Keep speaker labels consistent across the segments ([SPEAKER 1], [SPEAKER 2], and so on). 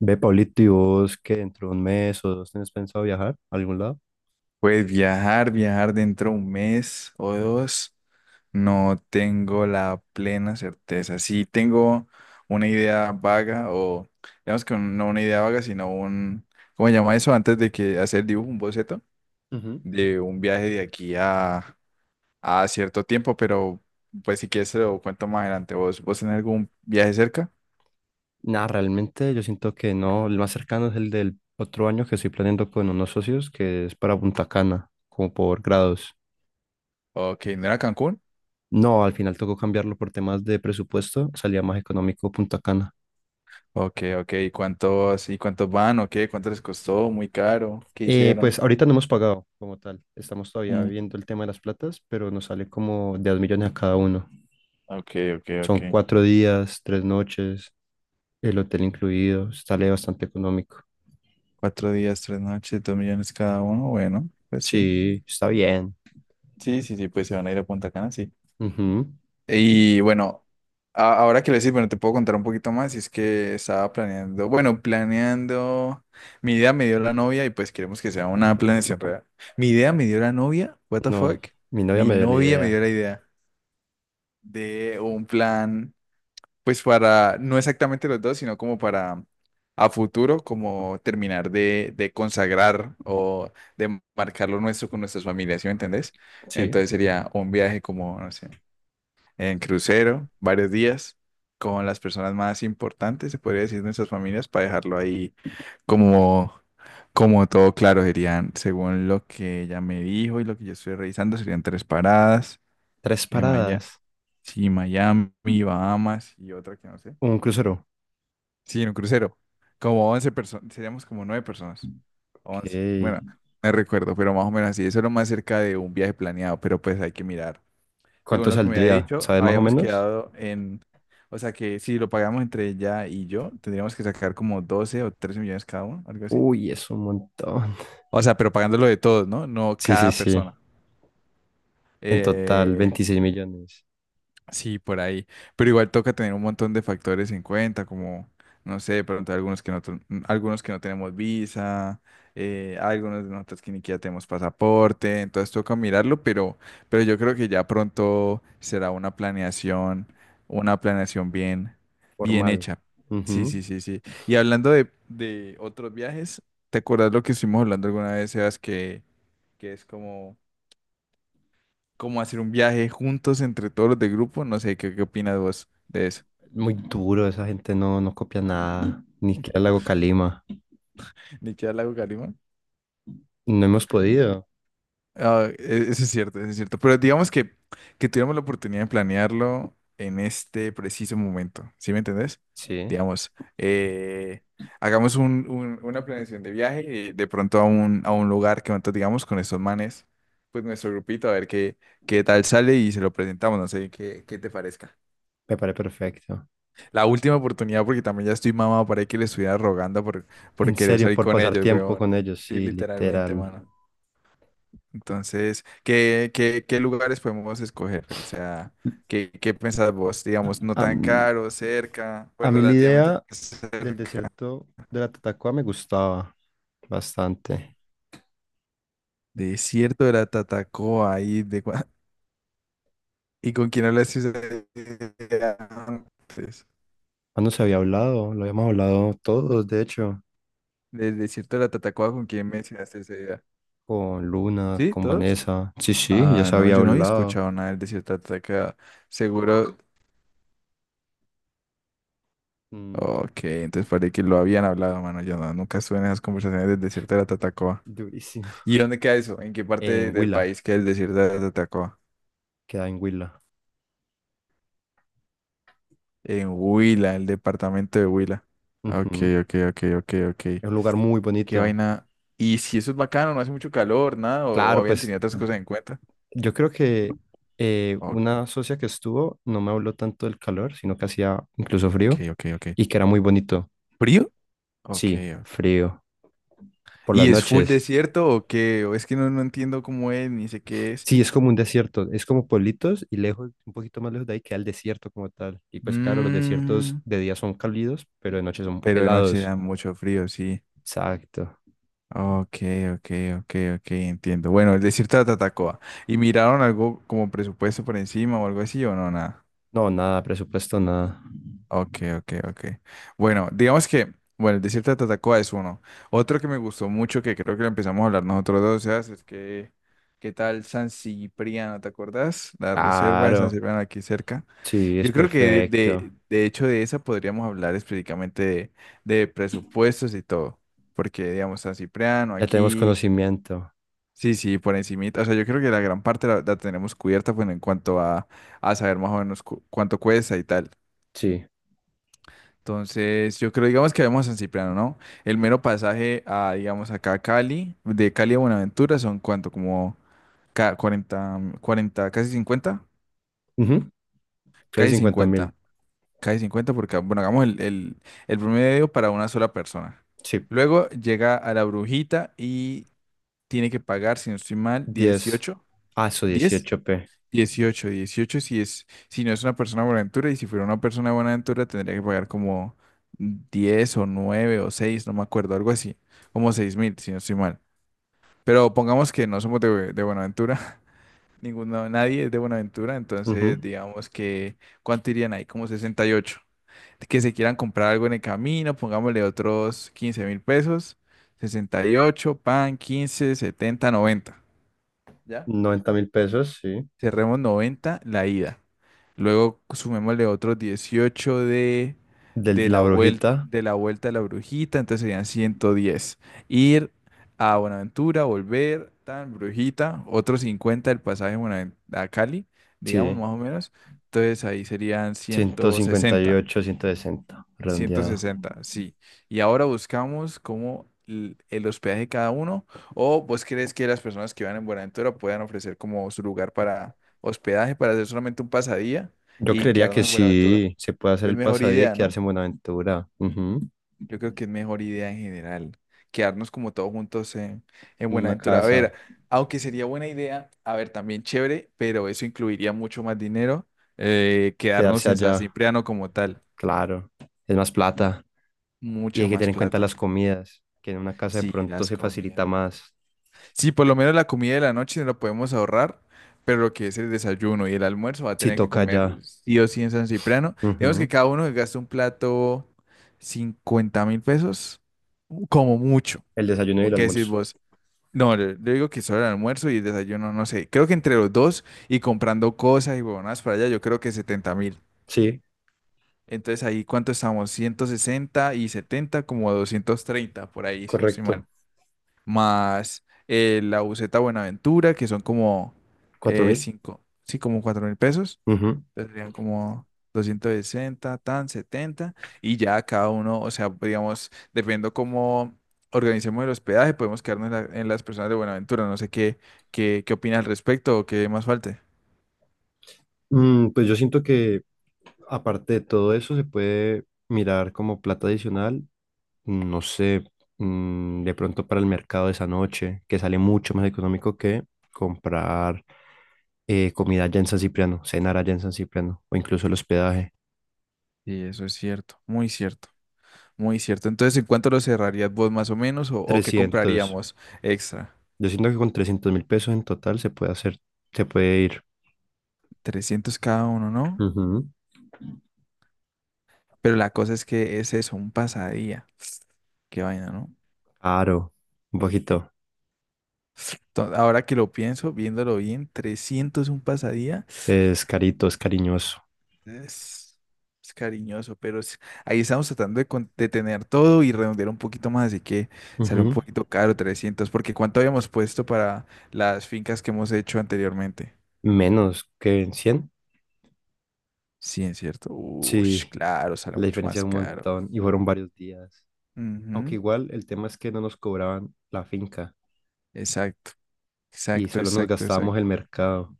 [SPEAKER 1] Ve, Pablito, ¿y vos que dentro de un mes o dos tenés pensado viajar a algún lado?
[SPEAKER 2] Pues viajar, viajar dentro de un mes o dos, no tengo la plena certeza. Sí tengo una idea vaga o, digamos que no una idea vaga, sino un, ¿cómo se llama eso? Antes de que hacer el dibujo, un boceto
[SPEAKER 1] Ujú.
[SPEAKER 2] de un viaje de aquí a cierto tiempo, pero pues si quieres se lo cuento más adelante. ¿Vos tenés algún viaje cerca?
[SPEAKER 1] Nada, realmente yo siento que no. El más cercano es el del otro año que estoy planeando con unos socios, que es para Punta Cana, como por grados.
[SPEAKER 2] Ok, ¿no era Cancún?
[SPEAKER 1] No, al final tocó cambiarlo por temas de presupuesto, salía más económico Punta Cana.
[SPEAKER 2] Ok, ok. ¿Y cuántos van? ¿O qué? ¿Cuánto les costó? ¿Muy caro? ¿Qué hicieron?
[SPEAKER 1] Pues ahorita no hemos pagado como tal, estamos todavía viendo el tema de las platas, pero nos sale como de 2 millones a cada uno.
[SPEAKER 2] Ok, ok,
[SPEAKER 1] Son
[SPEAKER 2] ok.
[SPEAKER 1] 4 días, 3 noches, el hotel incluido, sale bastante económico.
[SPEAKER 2] Cuatro días, tres noches, 2 millones cada uno. Bueno, pues sí.
[SPEAKER 1] Sí, está bien.
[SPEAKER 2] Sí, sí, sí, pues se van a ir a Punta Cana, sí.
[SPEAKER 1] Ujú. Y-
[SPEAKER 2] Y bueno, ahora que lo decís, bueno, te puedo contar un poquito más. Y es que estaba planeando, bueno, planeando. Mi idea me dio la novia y pues queremos que sea una planeación real. Mi idea me dio la novia, what the
[SPEAKER 1] No,
[SPEAKER 2] fuck.
[SPEAKER 1] mi novia
[SPEAKER 2] Mi
[SPEAKER 1] me dio la
[SPEAKER 2] novia me
[SPEAKER 1] idea.
[SPEAKER 2] dio la idea de un plan. Pues para, no exactamente los dos, sino como para a futuro, como terminar de consagrar o de marcar lo nuestro con nuestras familias, ¿sí me entendés?
[SPEAKER 1] Sí,
[SPEAKER 2] Entonces sería un viaje como, no sé, en crucero, varios días, con las personas más importantes, se podría decir, de nuestras familias, para dejarlo ahí como, como todo claro. Serían, según lo que ella me dijo y lo que yo estoy revisando, serían tres paradas,
[SPEAKER 1] tres
[SPEAKER 2] en Maya-
[SPEAKER 1] paradas,
[SPEAKER 2] sí, Miami, Bahamas y otra que no sé.
[SPEAKER 1] un crucero.
[SPEAKER 2] Sí, en un crucero. Como 11 personas, seríamos como 9 personas. 11.
[SPEAKER 1] Ok.
[SPEAKER 2] Bueno, me recuerdo, pero más o menos así. Eso es lo más cerca de un viaje planeado, pero pues hay que mirar. Según
[SPEAKER 1] ¿Cuánto
[SPEAKER 2] lo que me había
[SPEAKER 1] saldría?
[SPEAKER 2] dicho,
[SPEAKER 1] ¿Sabes más o
[SPEAKER 2] habíamos
[SPEAKER 1] menos?
[SPEAKER 2] quedado en, o sea que si lo pagamos entre ella y yo, tendríamos que sacar como 12 o 13 millones cada uno, algo así.
[SPEAKER 1] Uy, es un montón.
[SPEAKER 2] O sea, pero pagándolo de todos, ¿no? No
[SPEAKER 1] Sí, sí,
[SPEAKER 2] cada persona.
[SPEAKER 1] sí. En total,
[SPEAKER 2] Eh,
[SPEAKER 1] 26 millones.
[SPEAKER 2] Sí, por ahí. Pero igual toca tener un montón de factores en cuenta, como, no sé, de pronto algunos que no, algunos que no tenemos visa, algunos de nosotros que ni siquiera tenemos pasaporte, entonces toca mirarlo, pero, yo creo que ya pronto será una planeación bien, bien
[SPEAKER 1] Formal.
[SPEAKER 2] hecha. Sí,
[SPEAKER 1] Ujú.
[SPEAKER 2] sí, sí, sí. Y hablando de otros viajes, ¿te acuerdas lo que estuvimos hablando alguna vez, Sebas, que, es como hacer un viaje juntos entre todos los del grupo. No sé, ¿qué opinas vos de eso?
[SPEAKER 1] Muy duro, esa gente no, no copia nada. Ni siquiera el Lago Calima.
[SPEAKER 2] ¿Nichia Lago Garima?
[SPEAKER 1] No hemos podido.
[SPEAKER 2] Ah, eso es cierto, eso es cierto. Pero digamos que, tuviéramos la oportunidad de planearlo en este preciso momento. ¿Sí me entendés?
[SPEAKER 1] Sí,
[SPEAKER 2] Digamos, eh, hagamos una planeación de viaje, de pronto a un, lugar que nosotros digamos con estos manes, pues nuestro grupito, a ver qué, qué, tal sale y se lo presentamos. No sé qué te parezca.
[SPEAKER 1] me parece perfecto.
[SPEAKER 2] La última oportunidad, porque también ya estoy mamado para que le estuviera rogando por,
[SPEAKER 1] En
[SPEAKER 2] por querer
[SPEAKER 1] serio,
[SPEAKER 2] salir
[SPEAKER 1] por
[SPEAKER 2] con
[SPEAKER 1] pasar
[SPEAKER 2] ellos,
[SPEAKER 1] tiempo
[SPEAKER 2] huevón.
[SPEAKER 1] con ellos,
[SPEAKER 2] Sí,
[SPEAKER 1] sí,
[SPEAKER 2] literalmente,
[SPEAKER 1] literal.
[SPEAKER 2] mano. Entonces, ¿qué lugares podemos escoger? O sea, ¿qué pensás vos? Digamos, no tan
[SPEAKER 1] Am-
[SPEAKER 2] caro, cerca,
[SPEAKER 1] a
[SPEAKER 2] bueno,
[SPEAKER 1] mí la
[SPEAKER 2] relativamente
[SPEAKER 1] idea del
[SPEAKER 2] cerca.
[SPEAKER 1] desierto de la Tatacoa me gustaba bastante.
[SPEAKER 2] Desierto de la Tatacoa, ahí ¿Y con quién hablaste ese día antes?
[SPEAKER 1] Cuando se había hablado, lo habíamos hablado todos, de hecho,
[SPEAKER 2] Del desierto de la Tatacoa, ¿con quién mencionaste ese día?
[SPEAKER 1] con Luna,
[SPEAKER 2] ¿Sí?
[SPEAKER 1] con
[SPEAKER 2] ¿Todos?
[SPEAKER 1] Vanessa. Sí, sí, ya
[SPEAKER 2] Ah,
[SPEAKER 1] se
[SPEAKER 2] no,
[SPEAKER 1] había
[SPEAKER 2] yo no había
[SPEAKER 1] hablado.
[SPEAKER 2] escuchado nada del desierto de Atacama. Seguro.
[SPEAKER 1] Mm,
[SPEAKER 2] Ok, entonces parece que lo habían hablado, mano. Yo no, nunca estuve en esas conversaciones del desierto de la Tatacoa.
[SPEAKER 1] Durísimo.
[SPEAKER 2] ¿Y dónde queda eso? ¿En qué parte
[SPEAKER 1] En
[SPEAKER 2] del
[SPEAKER 1] Huila,
[SPEAKER 2] país queda el desierto de la Tatacoa?
[SPEAKER 1] queda en Huila.
[SPEAKER 2] En Huila, el departamento de Huila. Ok,
[SPEAKER 1] Ujú.
[SPEAKER 2] ok, ok, ok, ok.
[SPEAKER 1] Es un lugar muy
[SPEAKER 2] Qué
[SPEAKER 1] bonito.
[SPEAKER 2] vaina. ¿Y si eso es bacano, no hace mucho calor, nada? ¿O
[SPEAKER 1] Claro,
[SPEAKER 2] habían
[SPEAKER 1] pues
[SPEAKER 2] tenido otras cosas en cuenta?
[SPEAKER 1] yo creo que
[SPEAKER 2] Ok,
[SPEAKER 1] una socia que estuvo no me habló tanto del calor, sino que hacía incluso
[SPEAKER 2] ok,
[SPEAKER 1] frío
[SPEAKER 2] ok.
[SPEAKER 1] y que era muy bonito.
[SPEAKER 2] ¿Frío? Ok,
[SPEAKER 1] Sí,
[SPEAKER 2] ok.
[SPEAKER 1] frío, por las
[SPEAKER 2] ¿Y es full
[SPEAKER 1] noches.
[SPEAKER 2] desierto o qué? O es que no, entiendo cómo es, ni sé qué es.
[SPEAKER 1] Sí, es como un desierto, es como pueblitos y lejos, un poquito más lejos de ahí queda el desierto como tal. Y pues claro, los desiertos
[SPEAKER 2] Mm,
[SPEAKER 1] de día son cálidos, pero de noche son
[SPEAKER 2] pero de noche
[SPEAKER 1] helados.
[SPEAKER 2] da mucho frío, sí.
[SPEAKER 1] Exacto.
[SPEAKER 2] Ok, ok, ok, ok, entiendo. Bueno, el desierto de Tatacoa. ¿Y miraron algo como presupuesto por encima o algo así o no? Nada.
[SPEAKER 1] No, nada, presupuesto, nada.
[SPEAKER 2] Ok, ok, ok. Bueno, digamos que, bueno, el desierto de Tatacoa es uno. Otro que me gustó mucho, que creo que lo empezamos a hablar nosotros dos, Sebas, es que, ¿qué tal San Cipriano? ¿Te acuerdas? La reserva de San
[SPEAKER 1] Claro,
[SPEAKER 2] Cipriano aquí cerca.
[SPEAKER 1] sí,
[SPEAKER 2] Yo
[SPEAKER 1] es
[SPEAKER 2] creo que
[SPEAKER 1] perfecto.
[SPEAKER 2] de, hecho de esa podríamos hablar específicamente de presupuestos y todo, porque digamos San Cipriano
[SPEAKER 1] Ya tenemos
[SPEAKER 2] aquí,
[SPEAKER 1] conocimiento.
[SPEAKER 2] sí, sí, por encimita, o sea, yo creo que la gran parte la, tenemos cubierta bueno, en cuanto a saber más o menos cuánto cuesta y tal.
[SPEAKER 1] Sí.
[SPEAKER 2] Entonces, yo creo, digamos que vemos a San Cipriano, ¿no? El mero pasaje a, digamos, acá a Cali, de Cali a Buenaventura son cuánto, como 40 40, casi cincuenta
[SPEAKER 1] Ujú. Entonces
[SPEAKER 2] casi
[SPEAKER 1] 50.000.
[SPEAKER 2] cincuenta Cae 50 porque, bueno, hagamos el promedio para una sola persona.
[SPEAKER 1] Sí.
[SPEAKER 2] Luego llega a la brujita y tiene que pagar, si no estoy mal,
[SPEAKER 1] 10.
[SPEAKER 2] 18
[SPEAKER 1] Ah, eso
[SPEAKER 2] 10
[SPEAKER 1] 18. P
[SPEAKER 2] 18 18 si es, si no es una persona de Buenaventura y si fuera una persona de Buenaventura tendría que pagar como 10 o 9 o 6 no me acuerdo, algo así, como 6 mil, si no estoy mal. Pero pongamos que no somos de, Buenaventura, ninguno, nadie es de Buenaventura,
[SPEAKER 1] Ujú.
[SPEAKER 2] entonces digamos que, ¿cuánto irían ahí? Como 68 que se quieran comprar algo en el camino, pongámosle otros 15 mil pesos, 68 pan, 15 70 90. ¿Ya?
[SPEAKER 1] 90 mil pesos, sí.
[SPEAKER 2] Cerremos 90 la ida. Luego sumémosle otros 18 de,
[SPEAKER 1] De
[SPEAKER 2] de
[SPEAKER 1] la
[SPEAKER 2] la vuelta.
[SPEAKER 1] brujita.
[SPEAKER 2] De la vuelta de la brujita, entonces serían 110. Ir a Buenaventura, volver, tan brujita, otros 50 del pasaje a Cali, digamos
[SPEAKER 1] Sí,
[SPEAKER 2] más o menos, entonces ahí serían
[SPEAKER 1] ciento
[SPEAKER 2] ciento
[SPEAKER 1] cincuenta y
[SPEAKER 2] sesenta
[SPEAKER 1] ocho 160
[SPEAKER 2] ciento
[SPEAKER 1] redondeado.
[SPEAKER 2] sesenta sí. Y ahora buscamos cómo el hospedaje de cada uno, o vos crees que las personas que van en Buenaventura puedan ofrecer como su lugar para hospedaje, para hacer solamente un pasadía
[SPEAKER 1] Yo
[SPEAKER 2] y
[SPEAKER 1] creería
[SPEAKER 2] quedarnos
[SPEAKER 1] que
[SPEAKER 2] en Buenaventura.
[SPEAKER 1] sí, se puede hacer
[SPEAKER 2] Es
[SPEAKER 1] el
[SPEAKER 2] mejor
[SPEAKER 1] pasadía y
[SPEAKER 2] idea, ¿no?
[SPEAKER 1] quedarse en Buenaventura. Ujú.
[SPEAKER 2] Yo creo que es mejor idea en general, quedarnos como todos juntos en
[SPEAKER 1] Una
[SPEAKER 2] Buenaventura. A
[SPEAKER 1] casa,
[SPEAKER 2] ver, aunque sería buena idea, a ver, también chévere, pero eso incluiría mucho más dinero, quedarnos
[SPEAKER 1] quedarse
[SPEAKER 2] en San
[SPEAKER 1] allá,
[SPEAKER 2] Cipriano como tal,
[SPEAKER 1] claro, es más plata. Y
[SPEAKER 2] mucha
[SPEAKER 1] hay que
[SPEAKER 2] más
[SPEAKER 1] tener en cuenta
[SPEAKER 2] plata.
[SPEAKER 1] las comidas, que en una casa de
[SPEAKER 2] Sí,
[SPEAKER 1] pronto
[SPEAKER 2] las
[SPEAKER 1] se facilita
[SPEAKER 2] comidas.
[SPEAKER 1] más
[SPEAKER 2] Sí, por lo menos la comida de la noche no la podemos ahorrar, pero lo que es el desayuno y el almuerzo va a
[SPEAKER 1] si
[SPEAKER 2] tener que
[SPEAKER 1] toca
[SPEAKER 2] comer
[SPEAKER 1] allá.
[SPEAKER 2] sí o sí en San Cipriano. Digamos que
[SPEAKER 1] Ujú.
[SPEAKER 2] cada uno que gasta un plato 50 mil pesos, como mucho.
[SPEAKER 1] El desayuno y
[SPEAKER 2] ¿O
[SPEAKER 1] el
[SPEAKER 2] qué decís
[SPEAKER 1] almuerzo.
[SPEAKER 2] vos? No, yo, digo que solo el almuerzo y el desayuno, no sé. Creo que entre los dos y comprando cosas y huevonadas para allá, yo creo que 70 mil.
[SPEAKER 1] Sí,
[SPEAKER 2] Entonces ahí, ¿cuánto estamos? 160 y 70, como 230 por ahí, si no estoy mal,
[SPEAKER 1] correcto.
[SPEAKER 2] más la buseta Buenaventura, que son como
[SPEAKER 1] ¿Cuatro mil?
[SPEAKER 2] cinco, sí, como 4 mil pesos. Entonces serían como 260 tan 70. Y ya cada uno, o sea, digamos, dependiendo cómo organicemos el hospedaje, podemos quedarnos en las personas de Buenaventura. No sé qué, opina al respecto o qué más falte.
[SPEAKER 1] Pues yo siento que aparte de todo eso se puede mirar como plata adicional, no sé, de pronto para el mercado de esa noche, que sale mucho más económico que comprar comida allá en San Cipriano, cenar allá en San Cipriano o incluso el hospedaje.
[SPEAKER 2] Sí, eso es cierto, muy cierto, muy cierto. Entonces, ¿en cuánto lo cerrarías vos más o menos o qué
[SPEAKER 1] Trescientos
[SPEAKER 2] compraríamos extra?
[SPEAKER 1] Yo siento que con 300.000 pesos en total se puede hacer, se puede ir.
[SPEAKER 2] 300 cada uno, ¿no?
[SPEAKER 1] Ujú.
[SPEAKER 2] Pero la cosa es que es eso, un pasadía. Qué vaina, ¿no?
[SPEAKER 1] Caro, un poquito.
[SPEAKER 2] Ahora que lo pienso, viéndolo bien, 300 un pasadía
[SPEAKER 1] Es carito, es cariñoso.
[SPEAKER 2] es, es cariñoso, pero ahí estamos tratando de tener todo y redondear un poquito más, así que sale un
[SPEAKER 1] Ujú.
[SPEAKER 2] poquito caro 300 porque ¿cuánto habíamos puesto para las fincas que hemos hecho anteriormente?
[SPEAKER 1] Menos que en 100.
[SPEAKER 2] Sí, es cierto. Uy,
[SPEAKER 1] Sí.
[SPEAKER 2] claro, sale
[SPEAKER 1] La
[SPEAKER 2] mucho
[SPEAKER 1] diferencia
[SPEAKER 2] más
[SPEAKER 1] es un
[SPEAKER 2] caro.
[SPEAKER 1] montón y fueron varios días. Aunque
[SPEAKER 2] Ujú.
[SPEAKER 1] igual el tema es que no nos cobraban la finca
[SPEAKER 2] Exacto,
[SPEAKER 1] y
[SPEAKER 2] exacto,
[SPEAKER 1] solo nos
[SPEAKER 2] exacto,
[SPEAKER 1] gastábamos
[SPEAKER 2] exacto.
[SPEAKER 1] el mercado.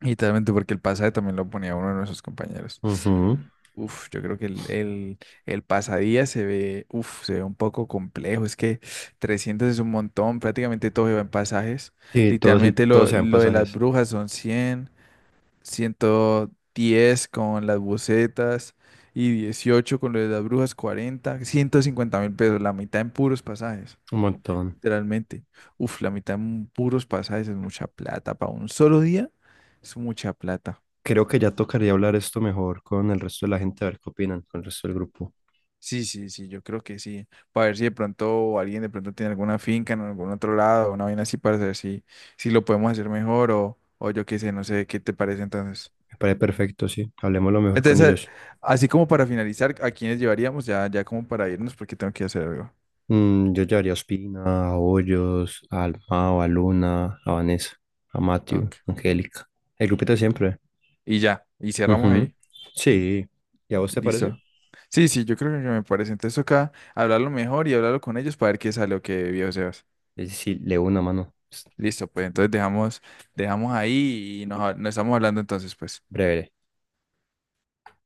[SPEAKER 2] Y literalmente porque el pasaje también lo ponía uno de nuestros compañeros.
[SPEAKER 1] Ujú.
[SPEAKER 2] Uf, yo creo que el, pasadía se ve, uf, se ve un poco complejo. Es que 300 es un montón, prácticamente todo lleva en pasajes.
[SPEAKER 1] Sí,
[SPEAKER 2] Literalmente
[SPEAKER 1] todo
[SPEAKER 2] lo,
[SPEAKER 1] se da en
[SPEAKER 2] lo de las
[SPEAKER 1] pasajes.
[SPEAKER 2] brujas son 100, 110 con las bucetas y 18 con lo de las brujas, 40, 150 mil pesos, la mitad en puros pasajes,
[SPEAKER 1] Un montón.
[SPEAKER 2] literalmente. Uf, la mitad en puros pasajes es mucha plata. Para un solo día es mucha plata.
[SPEAKER 1] Creo que ya tocaría hablar esto mejor con el resto de la gente, a ver qué opinan, con el resto del grupo.
[SPEAKER 2] Sí, sí, sí, yo creo que sí. Para ver si de pronto alguien de pronto tiene alguna finca en algún otro lado, una vaina así para ver si, lo podemos hacer mejor o yo qué sé, no sé qué te parece entonces.
[SPEAKER 1] Me parece perfecto, sí. Hablemos lo mejor con
[SPEAKER 2] Entonces,
[SPEAKER 1] ellos.
[SPEAKER 2] así como para finalizar, ¿a quiénes llevaríamos? Ya, ya como para irnos porque tengo que hacer algo.
[SPEAKER 1] Yo llevaría a Ospina, a Hoyos, a Almao, a Luna, a Vanessa, a Matthew,
[SPEAKER 2] Ok.
[SPEAKER 1] a Angélica. El grupito de siempre.
[SPEAKER 2] Y ya, y cerramos
[SPEAKER 1] Ujú.
[SPEAKER 2] ahí.
[SPEAKER 1] Sí. ¿Y a vos te parece?
[SPEAKER 2] Listo. Sí, sí, yo creo que me parece. Entonces acá hablarlo mejor y hablarlo con ellos para ver qué sale o qué viejo se va.
[SPEAKER 1] Es decir, le una mano. Es
[SPEAKER 2] Listo, pues entonces dejamos, ahí y nos estamos hablando entonces, pues.
[SPEAKER 1] breve.